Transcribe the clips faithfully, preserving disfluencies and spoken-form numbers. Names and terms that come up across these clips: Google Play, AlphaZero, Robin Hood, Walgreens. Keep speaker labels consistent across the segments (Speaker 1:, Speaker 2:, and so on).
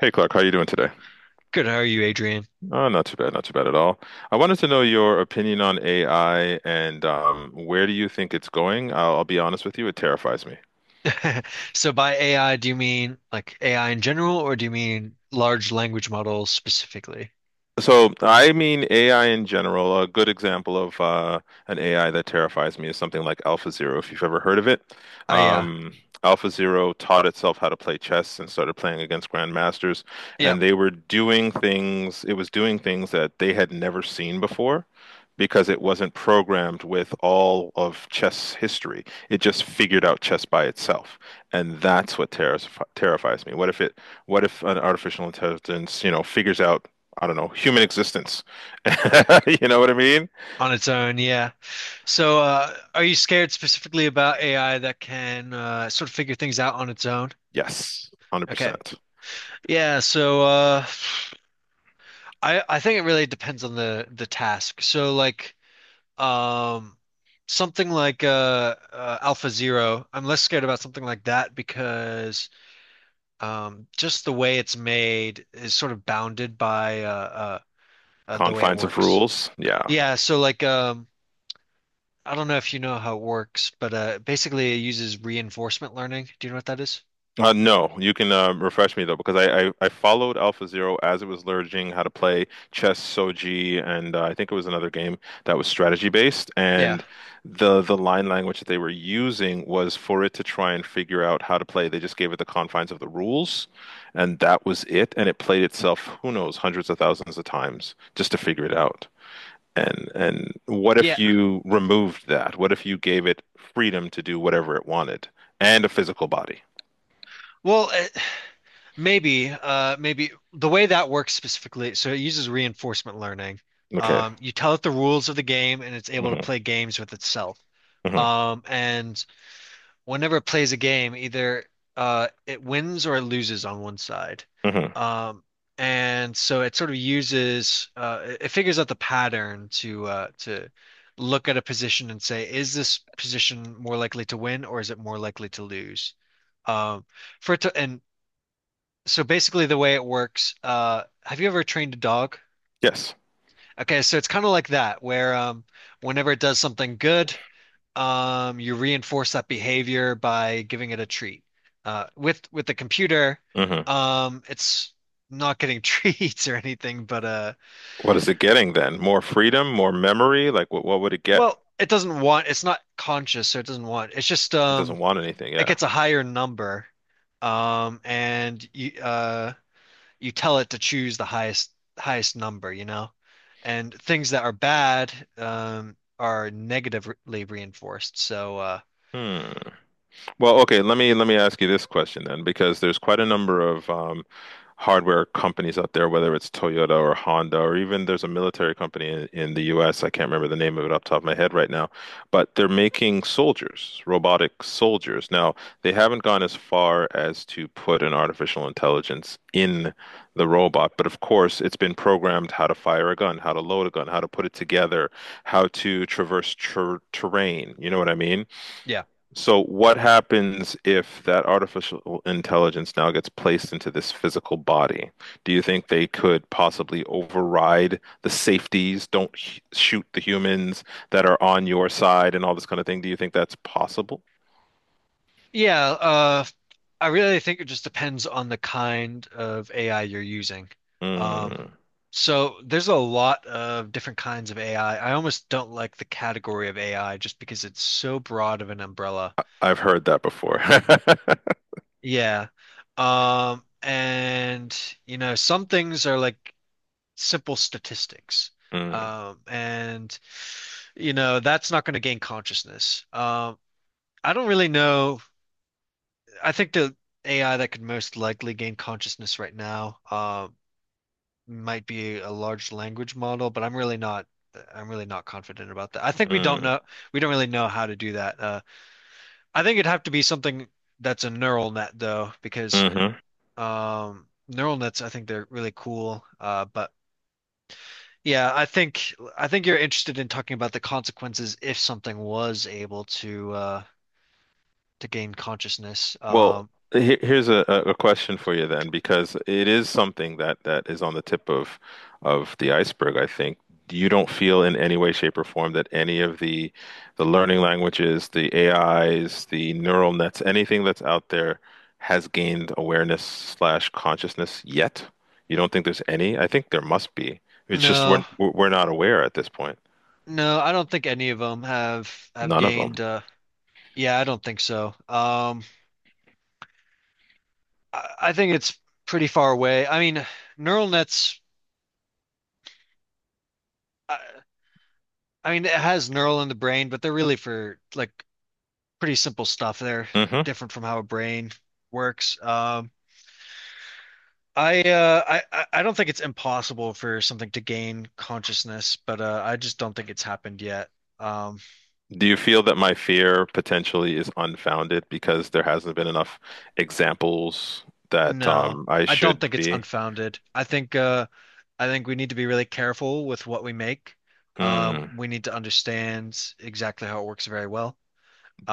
Speaker 1: Hey Clark, how are you doing today?
Speaker 2: Good, how are you, Adrian?
Speaker 1: Oh, not too bad, not too bad at all. I wanted to know your opinion on A I and um, where do you think it's going? I'll, I'll be honest with you, it terrifies me.
Speaker 2: So by A I, do you mean like A I in general, or do you mean large language models specifically?
Speaker 1: So I mean A I in general. A good example of uh, an A I that terrifies me is something like AlphaZero, if you've ever heard of it.
Speaker 2: Oh yeah.
Speaker 1: Um, AlphaZero taught itself how to play chess and started playing against grandmasters,
Speaker 2: Yep.
Speaker 1: and they were doing things. It was doing things that they had never seen before. Because it wasn't programmed with all of chess history. It just figured out chess by itself. And that's what terris terrifies me. What if it, what if an artificial intelligence, you know, figures out I don't know, human existence. You know what I mean?
Speaker 2: On its own, yeah. So uh, are you scared specifically about A I that can uh, sort of figure things out on its own?
Speaker 1: Yes,
Speaker 2: Okay.
Speaker 1: one hundred percent.
Speaker 2: Yeah, so uh, I I think it really depends on the the task. So like um something like uh, uh Alpha Zero, I'm less scared about something like that because Um, just the way it's made is sort of bounded by uh, uh, uh, the way it
Speaker 1: Confines of
Speaker 2: works.
Speaker 1: rules. Yeah.
Speaker 2: Yeah, so like um, I don't know if you know how it works, but uh, basically it uses reinforcement learning. Do you know what that is?
Speaker 1: Uh, no, you can uh, refresh me though, because I, I, I followed AlphaZero as it was learning how to play chess, Soji, and uh, I think it was another game that was strategy based.
Speaker 2: Yeah.
Speaker 1: And the the line language that they were using was for it to try and figure out how to play. They just gave it the confines of the rules, and that was it. And it played itself, who knows, hundreds of thousands of times just to figure it out. And and what
Speaker 2: Yeah.
Speaker 1: if you removed that? What if you gave it freedom to do whatever it wanted and a physical body?
Speaker 2: Well, it, maybe, uh, maybe the way that works specifically, so it uses reinforcement learning.
Speaker 1: Okay.
Speaker 2: Um, you tell it the rules of the game and it's able to
Speaker 1: Mm-hmm.
Speaker 2: play games with itself.
Speaker 1: Mm-hmm.
Speaker 2: Um, and whenever it plays a game, either uh, it wins or it loses on one side.
Speaker 1: Hmm.
Speaker 2: Um, and so it sort of uses uh, it it figures out the pattern to uh, to look at a position and say, is this position more likely to win or is it more likely to lose? Um, for it to, and So basically the way it works, uh, have you ever trained a dog?
Speaker 1: Yes.
Speaker 2: Okay, so it's kind of like that, where um, whenever it does something good, um, you reinforce that behavior by giving it a treat. Uh, with with the computer,
Speaker 1: Mm-hmm.
Speaker 2: um, it's not getting treats or anything, but uh,
Speaker 1: What is it getting then? More freedom, more memory? Like what what would it get?
Speaker 2: well, it doesn't want. It's not conscious, so it doesn't want. It's just
Speaker 1: It
Speaker 2: um,
Speaker 1: doesn't want anything,
Speaker 2: it
Speaker 1: yeah.
Speaker 2: gets a higher number, um, and you uh, you tell it to choose the highest highest number, you know, and things that are bad um are negatively reinforced. So uh,
Speaker 1: Hmm. Well, okay, let me let me ask you this question then, because there's quite a number of um, hardware companies out there, whether it's Toyota or Honda, or even there's a military company in, in the U S. I can't remember the name of it off the top of my head right now, but they're making soldiers, robotic soldiers. Now, they haven't gone as far as to put an artificial intelligence in the robot, but of course, it's been programmed how to fire a gun, how to load a gun, how to put it together, how to traverse ter terrain. You know what I mean?
Speaker 2: yeah.
Speaker 1: So what happens if that artificial intelligence now gets placed into this physical body? Do you think they could possibly override the safeties, don't sh shoot the humans that are on your side and all this kind of thing? Do you think that's possible?
Speaker 2: Yeah, uh, I really think it just depends on the kind of A I you're using. Um,
Speaker 1: Mm.
Speaker 2: so there's a lot of different kinds of A I. I I almost don't like the category of A I just because it's so broad of an umbrella.
Speaker 1: I've heard that before.
Speaker 2: Yeah. Um, and you know, some things are like simple statistics.
Speaker 1: Mm.
Speaker 2: Um, and you know, that's not going to gain consciousness. Um, I don't really know. I think the A I that could most likely gain consciousness right now uh, might be a large language model, but I'm really not I'm really not confident about that. I think we don't
Speaker 1: Mm.
Speaker 2: know we don't really know how to do that. Uh, I think it'd have to be something that's a neural net though, because
Speaker 1: Mhm.
Speaker 2: um, neural nets, I think they're really cool. Uh, but yeah, I think I think you're interested in talking about the consequences if something was able to uh, to gain consciousness.
Speaker 1: Well,
Speaker 2: Um,
Speaker 1: he- here's a, a a question for you then, because it is something that that is on the tip of of the iceberg, I think. You don't feel in any way, shape, or form that any of the the learning languages, the A Is, the neural nets, anything that's out there has gained awareness slash consciousness yet? You don't think there's any? I think there must be. It's just we're
Speaker 2: no,
Speaker 1: we're not aware at this point.
Speaker 2: No, I don't think any of them have have
Speaker 1: None of
Speaker 2: gained. Uh, yeah, I don't think so. Um, I, I think it's pretty far away. I mean, neural nets. I, I mean, it has neural in the brain, but they're really for like pretty simple stuff. They're
Speaker 1: them.
Speaker 2: different from how a brain works. Um, I, uh, I I I don't think it's impossible for something to gain consciousness, but uh, I just don't think it's happened yet. Um,
Speaker 1: Do you feel that my fear potentially is unfounded because there hasn't been enough examples that
Speaker 2: no,
Speaker 1: um, I
Speaker 2: I don't
Speaker 1: should
Speaker 2: think it's
Speaker 1: be?
Speaker 2: unfounded. I think uh, I think we need to be really careful with what we make. Uh,
Speaker 1: Hmm.
Speaker 2: we need to understand exactly how it works very well.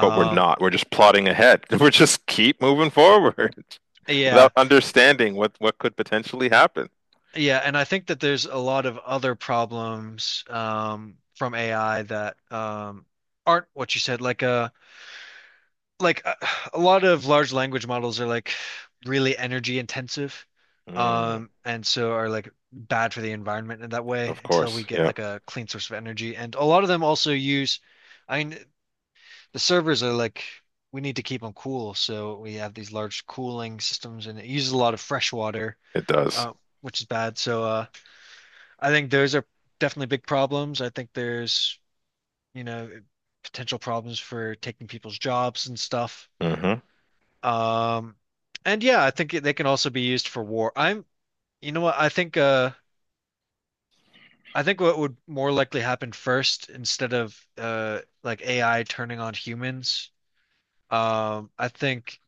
Speaker 1: But we're not. We're just plodding ahead. We're just keep moving forward
Speaker 2: yeah,
Speaker 1: without understanding what what could potentially happen.
Speaker 2: yeah, and I think that there's a lot of other problems um, from A I that um, aren't what you said. Like uh, like uh, a lot of large language models are like really energy intensive,
Speaker 1: Hmm.
Speaker 2: um, and so are like bad for the environment in that way
Speaker 1: Of
Speaker 2: until we
Speaker 1: course.
Speaker 2: get
Speaker 1: Yeah,
Speaker 2: like a clean source of energy. And a lot of them also use. I mean, the servers are like we need to keep them cool, so we have these large cooling systems, and it uses a lot of fresh water,
Speaker 1: it does.
Speaker 2: uh, which is bad. So uh, I think those are definitely big problems. I think there's, you know, potential problems for taking people's jobs and stuff.
Speaker 1: Hmm.
Speaker 2: Um, and yeah, I think they can also be used for war. I'm you know what I think uh. I think what would more likely happen first, instead of uh, like A I turning on humans, um, I think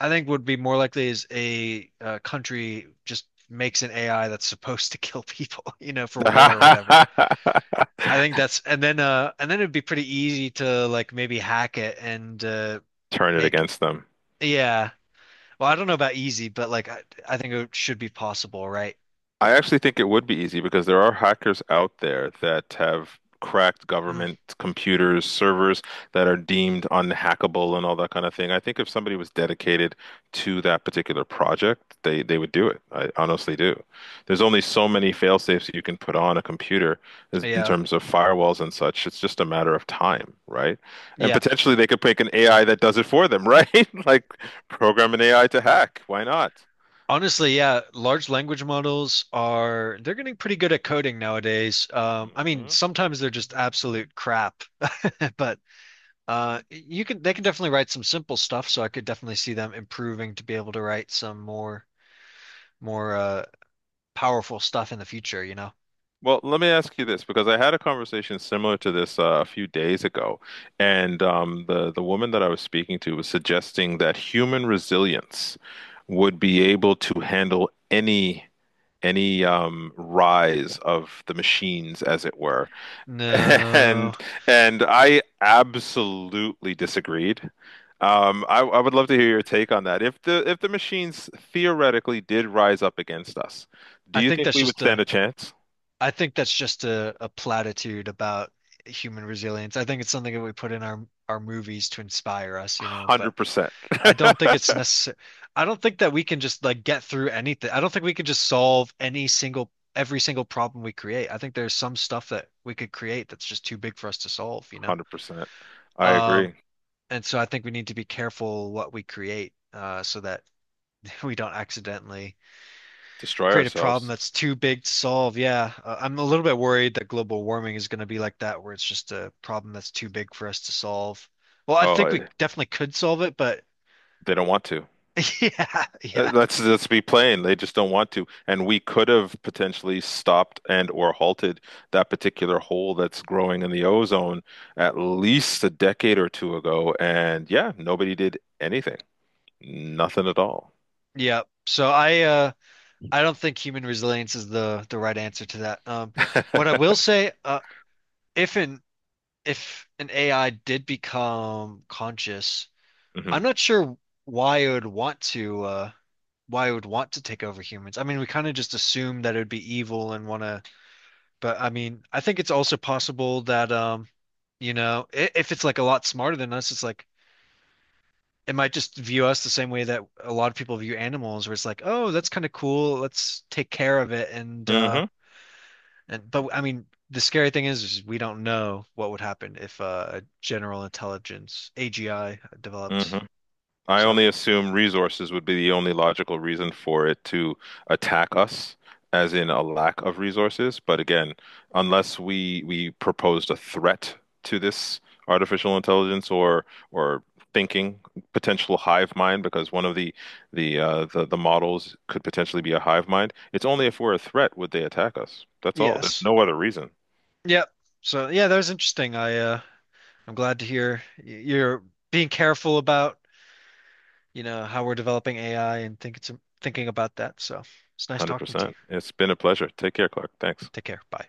Speaker 2: I think would be more likely is a uh, country just makes an A I that's supposed to kill people, you know, for war or whatever. I think that's and then uh and then it'd be pretty easy to like maybe hack it and uh
Speaker 1: Turn it
Speaker 2: make
Speaker 1: against them.
Speaker 2: yeah. Well, I don't know about easy, but like I, I think it should be possible, right?
Speaker 1: I actually think it would be easy because there are hackers out there that have cracked
Speaker 2: Mm,
Speaker 1: government computers, servers that are deemed unhackable and all that kind of thing. I think if somebody was dedicated to that particular project, they they would do it. I honestly do. There's only so many fail safes you can put on a computer is- in
Speaker 2: yeah.
Speaker 1: terms of firewalls and such. It's just a matter of time, right? And
Speaker 2: Yeah.
Speaker 1: potentially they could make an A I that does it for them, right? Like program an A I to hack. Why not?
Speaker 2: Honestly, yeah, large language models are they're getting pretty good at coding nowadays. Um, I mean,
Speaker 1: Hmm.
Speaker 2: sometimes they're just absolute crap, but Uh, you could they can definitely write some simple stuff, so I could definitely see them improving to be able to write some more more uh powerful stuff in the future, you know.
Speaker 1: Well, let me ask you this because I had a conversation similar to this uh, a few days ago, and um, the the woman that I was speaking to was suggesting that human resilience would be able to handle any any um, rise of the machines, as it were,
Speaker 2: No,
Speaker 1: and and I absolutely disagreed. Um, I, I would love to hear your take on that. If the if the machines theoretically did rise up against us, do
Speaker 2: I
Speaker 1: you
Speaker 2: think
Speaker 1: think
Speaker 2: that's
Speaker 1: we would
Speaker 2: just
Speaker 1: stand
Speaker 2: a
Speaker 1: a chance?
Speaker 2: I think that's just a, a platitude about human resilience. I think it's something that we put in our our movies to inspire us, you know, but
Speaker 1: Hundred percent.
Speaker 2: I don't think it's necessary. I don't think that we can just like get through anything. I don't think we can just solve any single every single problem we create. I think there's some stuff that we could create that's just too big for us to solve, you know.
Speaker 1: Hundred percent. I
Speaker 2: Um,
Speaker 1: agree.
Speaker 2: and so I think we need to be careful what we create, uh, so that we don't accidentally
Speaker 1: Destroy
Speaker 2: create a problem
Speaker 1: ourselves.
Speaker 2: that's too big to solve. Yeah, uh, I'm a little bit worried that global warming is going to be like that, where it's just a problem that's too big for us to solve. Well, I
Speaker 1: Oh,
Speaker 2: think we
Speaker 1: I-
Speaker 2: definitely could solve it, but
Speaker 1: they don't want to.
Speaker 2: yeah,
Speaker 1: Uh,
Speaker 2: yeah,
Speaker 1: Let's let's be plain. They just don't want to. And we could have potentially stopped and or halted that particular hole that's growing in the ozone at least a decade or two ago. And yeah, nobody did anything. Nothing at all.
Speaker 2: yeah. So I, uh, I don't think human resilience is the the right answer to that. Um, what I will say, uh, if an if an A I did become conscious, I'm
Speaker 1: Hmm.
Speaker 2: not sure why I would want to uh why I would want to take over humans. I mean, we kind of just assume that it would be evil and want to, but I mean, I think it's also possible that um, you know, i- if it's like a lot smarter than us, it's like it might just view us the same way that a lot of people view animals, where it's like, oh, that's kind of cool. Let's take care of it. And uh
Speaker 1: Hmm.
Speaker 2: and But I mean, the scary thing is, is we don't know what would happen if uh, a general intelligence, A G I,
Speaker 1: Hmm.
Speaker 2: developed.
Speaker 1: I
Speaker 2: So,
Speaker 1: only assume resources would be the only logical reason for it to attack us, as in a lack of resources. But again, unless we we proposed a threat to this artificial intelligence or or thinking potential hive mind, because one of the the uh, the, the models could potentially be a hive mind. It's only if we're a threat would they attack us. That's all. There's
Speaker 2: yes.
Speaker 1: no other reason.
Speaker 2: Yep. So yeah, that was interesting. I uh I'm glad to hear y- you're being careful about, you know, how we're developing A I and think it's thinking about that. So it's nice talking to you.
Speaker 1: one hundred percent. It's been a pleasure. Take care, Clark. Thanks.
Speaker 2: Take care. Bye.